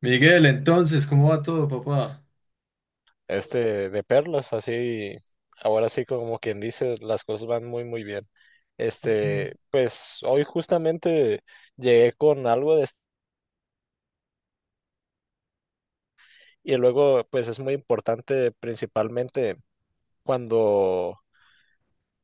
Miguel, entonces, ¿cómo va todo, papá? De perlas, así, ahora sí como quien dice, las cosas van muy, muy bien. Que- Pues hoy justamente llegué con algo de y luego pues es muy importante principalmente cuando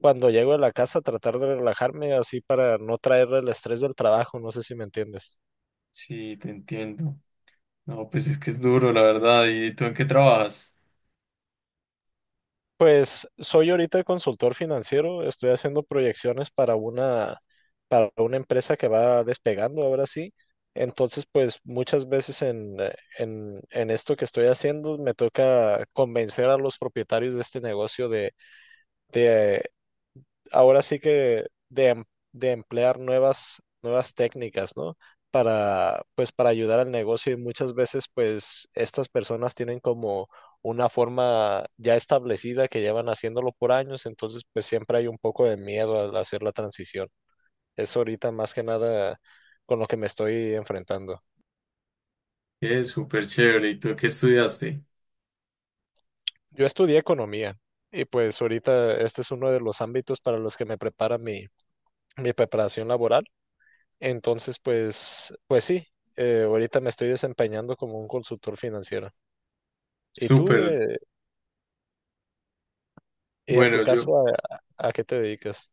cuando llego a la casa tratar de relajarme así para no traer el estrés del trabajo, no sé si me entiendes. Sí, te entiendo. No, pues es que es duro, la verdad. ¿Y tú en qué trabajas? Pues soy ahorita consultor financiero, estoy haciendo proyecciones para para una empresa que va despegando ahora sí. Entonces, pues muchas veces en esto que estoy haciendo me toca convencer a los propietarios de este negocio de, ahora sí que de emplear nuevas técnicas, ¿no? Para, pues, para ayudar al negocio y muchas veces, pues, estas personas tienen como una forma ya establecida que llevan haciéndolo por años, entonces, pues, siempre hay un poco de miedo al hacer la transición. Eso ahorita más que nada con lo que me estoy enfrentando. Es súper chévere. ¿Y tú qué estudiaste? Yo estudié economía y pues ahorita este es uno de los ámbitos para los que me prepara mi preparación laboral. Entonces, pues, pues sí, ahorita me estoy desempeñando como un consultor financiero. ¿Y tú, Súper. Y en tu Bueno, yo, caso, qué te dedicas?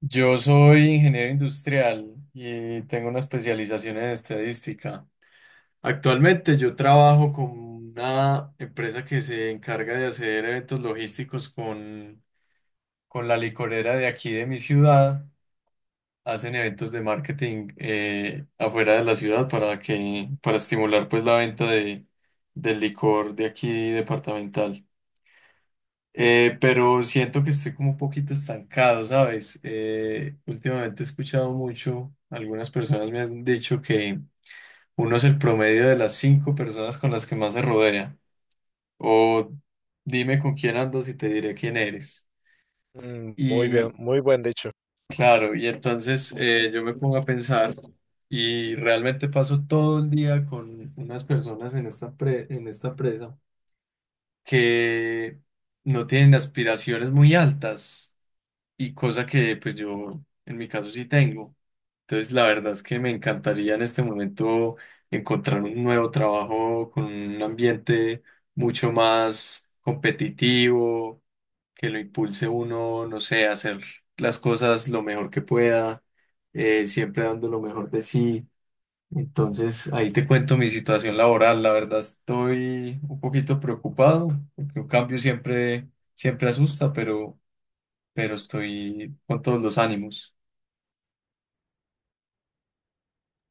yo soy ingeniero industrial y tengo una especialización en estadística. Actualmente yo trabajo con una empresa que se encarga de hacer eventos logísticos con la licorera de aquí de mi ciudad. Hacen eventos de marketing afuera de la ciudad para estimular pues la venta del licor de aquí departamental. Pero siento que estoy como un poquito estancado, ¿sabes? Últimamente he escuchado mucho, algunas personas me han dicho que uno es el promedio de las cinco personas con las que más se rodea. O dime con quién andas y te diré quién eres. Mm, muy bien, muy buen dicho. Claro, y entonces yo me pongo a pensar y realmente paso todo el día con unas personas en en esta presa que no tienen aspiraciones muy altas y cosa que pues yo en mi caso sí tengo. Entonces la verdad es que me encantaría en este momento encontrar un nuevo trabajo con un ambiente mucho más competitivo que lo impulse uno, no sé, a hacer las cosas lo mejor que pueda, siempre dando lo mejor de sí. Entonces, ahí te cuento mi situación laboral. La verdad estoy un poquito preocupado, porque un cambio siempre asusta, pero estoy con todos los ánimos.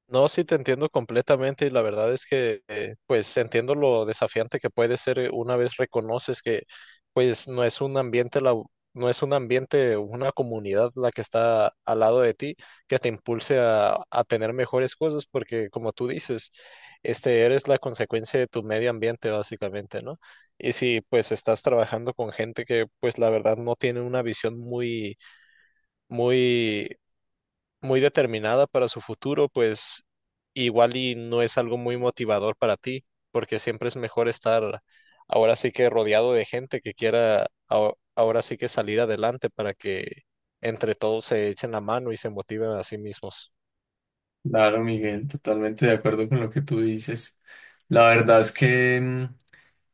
No, sí, te entiendo completamente y la verdad es que pues entiendo lo desafiante que puede ser una vez reconoces que pues no es un no es un ambiente, una comunidad la que está al lado de ti que te impulse a tener mejores cosas porque como tú dices, este eres la consecuencia de tu medio ambiente básicamente, ¿no? Y si pues estás trabajando con gente que pues la verdad no tiene una visión muy, muy muy determinada para su futuro, pues igual y no es algo muy motivador para ti, porque siempre es mejor estar ahora sí que rodeado de gente que quiera ahora sí que salir adelante para que entre todos se echen la mano y se motiven a sí mismos. Claro, Miguel, totalmente de acuerdo con lo que tú dices. La verdad es que... mm,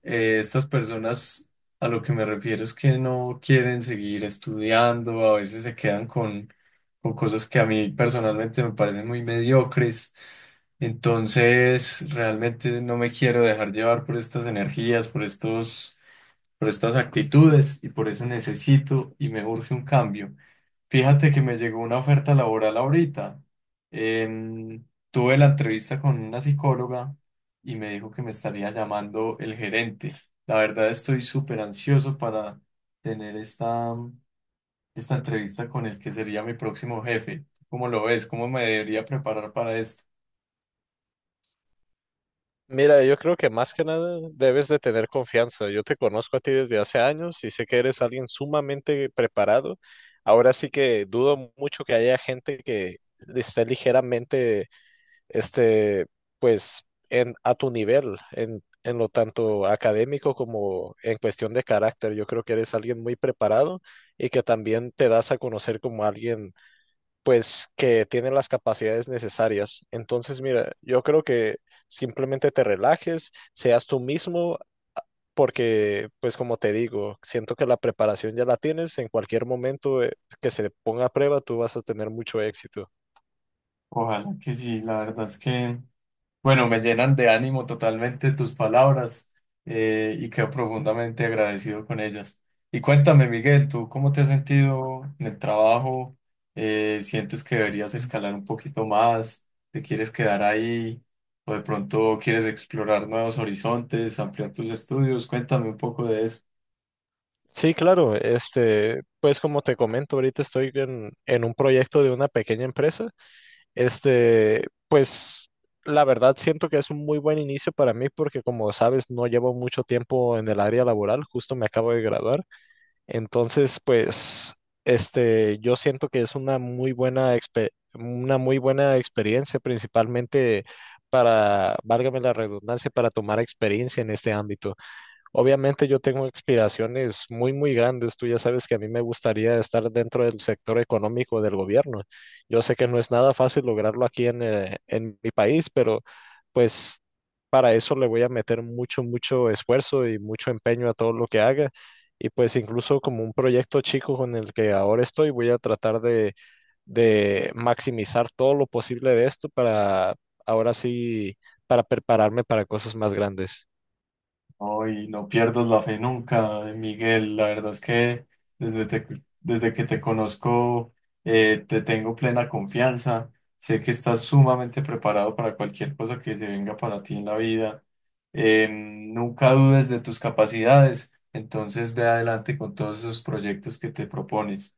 estas personas a lo que me refiero es que no quieren seguir estudiando, a veces se quedan con cosas que a mí personalmente me parecen muy mediocres. Entonces, realmente no me quiero dejar llevar por estas energías, por estas actitudes y por eso necesito y me urge un cambio. Fíjate que me llegó una oferta laboral ahorita. Em, Tuve la entrevista con una psicóloga y me dijo que me estaría llamando el gerente. La verdad estoy súper ansioso para tener esta entrevista con el que sería mi próximo jefe. ¿Cómo lo ves? ¿Cómo me debería preparar para esto? Mira, yo creo que más que nada debes de tener confianza. Yo te conozco a ti desde hace años y sé que eres alguien sumamente preparado. Ahora sí que dudo mucho que haya gente que esté ligeramente este, pues a tu nivel, en lo tanto académico como en cuestión de carácter. Yo creo que eres alguien muy preparado y que también te das a conocer como alguien, pues, que tiene las capacidades necesarias. Entonces, mira, yo creo que simplemente te relajes, seas tú mismo. Porque, pues como te digo, siento que la preparación ya la tienes, en cualquier momento que se ponga a prueba, tú vas a tener mucho éxito. Ojalá que sí, la verdad es que bueno, me llenan de ánimo totalmente tus palabras y quedo profundamente agradecido con ellas. Y cuéntame, Miguel, ¿tú cómo te has sentido en el trabajo? ¿Sientes que deberías escalar un poquito más? ¿Te quieres quedar ahí? ¿O de pronto quieres explorar nuevos horizontes, ampliar tus estudios? Cuéntame un poco de eso. Sí, claro. Pues como te comento, ahorita estoy en un proyecto de una pequeña empresa. Pues la verdad siento que es un muy buen inicio para mí porque como sabes, no llevo mucho tiempo en el área laboral, justo me acabo de graduar. Entonces, pues, yo siento que es una muy buena una muy buena experiencia, principalmente para, válgame la redundancia, para tomar experiencia en este ámbito. Obviamente yo tengo aspiraciones muy, muy grandes. Tú ya sabes que a mí me gustaría estar dentro del sector económico del gobierno. Yo sé que no es nada fácil lograrlo aquí en mi país, pero pues para eso le voy a meter mucho, mucho esfuerzo y mucho empeño a todo lo que haga. Y pues incluso como un proyecto chico con el que ahora estoy, voy a tratar de maximizar todo lo posible de esto para ahora sí, para prepararme para cosas más grandes. Ay, no pierdas la fe nunca, Miguel. La verdad es que desde, te- desde que te conozco te tengo plena confianza. Sé que estás sumamente preparado para cualquier cosa que se venga para ti en la vida. Nunca dudes de tus capacidades. Entonces ve adelante con todos esos proyectos que te propones.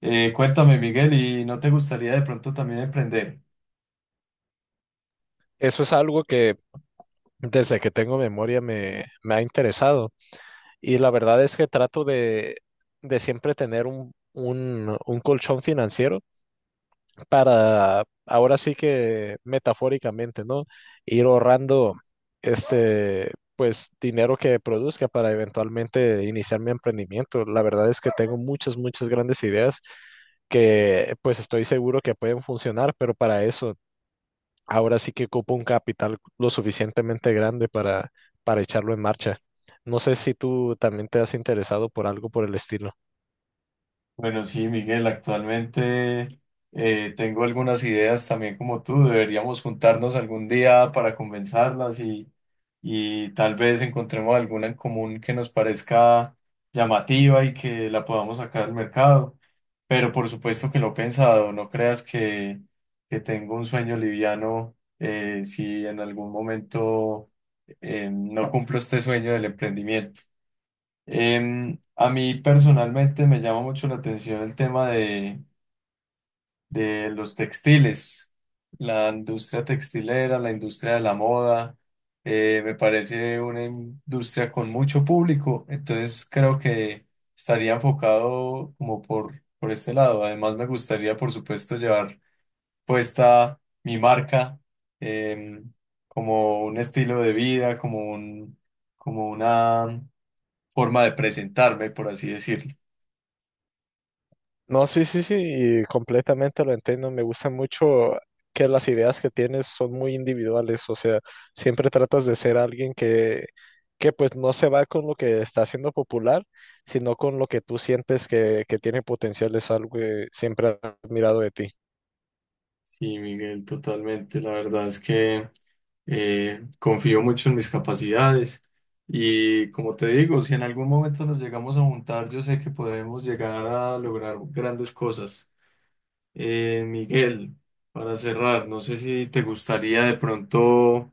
Cuéntame, Miguel, ¿y no te gustaría de pronto también emprender? Eso es algo que desde que tengo memoria me ha interesado. Y la verdad es que trato de siempre tener un colchón financiero para, ahora sí que metafóricamente, ¿no? Ir ahorrando pues, dinero que produzca para eventualmente iniciar mi emprendimiento. La verdad es que tengo muchas, muchas grandes ideas que pues estoy seguro que pueden funcionar, pero para eso ahora sí que ocupa un capital lo suficientemente grande para echarlo en marcha. No sé si tú también te has interesado por algo por el estilo. Bueno, sí, Miguel, actualmente tengo algunas ideas también como tú. Deberíamos juntarnos algún día para conversarlas y tal vez encontremos alguna en común que nos parezca llamativa y que la podamos sacar al mercado. Pero por supuesto que lo he pensado, no creas que tengo un sueño liviano si en algún momento no cumplo este sueño del emprendimiento. A mí personalmente me llama mucho la atención el tema de los textiles, la industria textilera, la industria de la moda, me parece una industria con mucho público, entonces creo que estaría enfocado como por este lado. Además me gustaría, por supuesto, llevar puesta mi marca, em, como un estilo de vida, como una forma de presentarme, por así decirlo. No, sí, sí, sí, y completamente lo entiendo. Me gusta mucho que las ideas que tienes son muy individuales, o sea, siempre tratas de ser alguien que pues no se va con lo que está haciendo popular, sino con lo que tú sientes que tiene potencial. Es algo que siempre he admirado de ti. Sí, Miguel, totalmente. La verdad es que confío mucho en mis capacidades y como te digo, si en algún momento nos llegamos a juntar, yo sé que podemos llegar a lograr grandes cosas. Miguel, para cerrar, no sé si te gustaría de pronto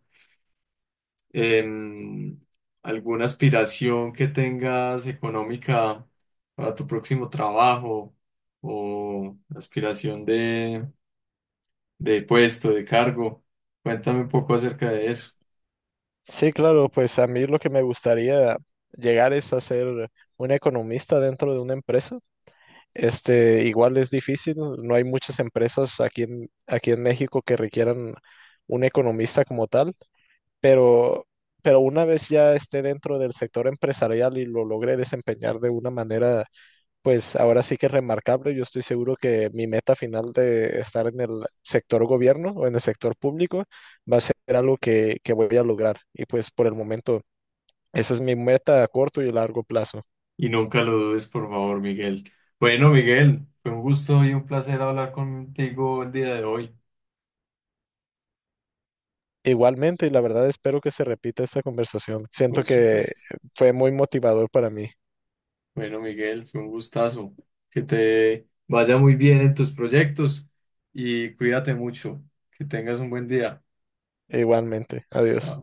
em, alguna aspiración que tengas económica para tu próximo trabajo o aspiración de puesto, de cargo. Cuéntame un poco acerca de eso Sí, claro, pues a mí lo que me gustaría llegar es a ser un economista dentro de una empresa. Igual es difícil, no hay muchas empresas aquí en México que requieran un economista como tal, pero, pero una vez ya esté dentro del sector empresarial y lo logre desempeñar de una manera, pues ahora sí que remarcable, yo estoy seguro que mi meta final de estar en el sector gobierno o en el sector público va a ser algo que voy a lograr. Y pues por el momento esa es mi meta a corto y largo plazo. y nunca lo dudes, por favor, Miguel. Bueno, Miguel, fue un gusto y un placer hablar contigo el día de hoy, Igualmente, y la verdad espero que se repita esta conversación. por Siento que supuesto. fue muy motivador para mí. Bueno, Miguel, fue un gustazo. Que te vaya muy bien en tus proyectos y cuídate mucho. Que tengas un buen día. Igualmente. Adiós. Chao.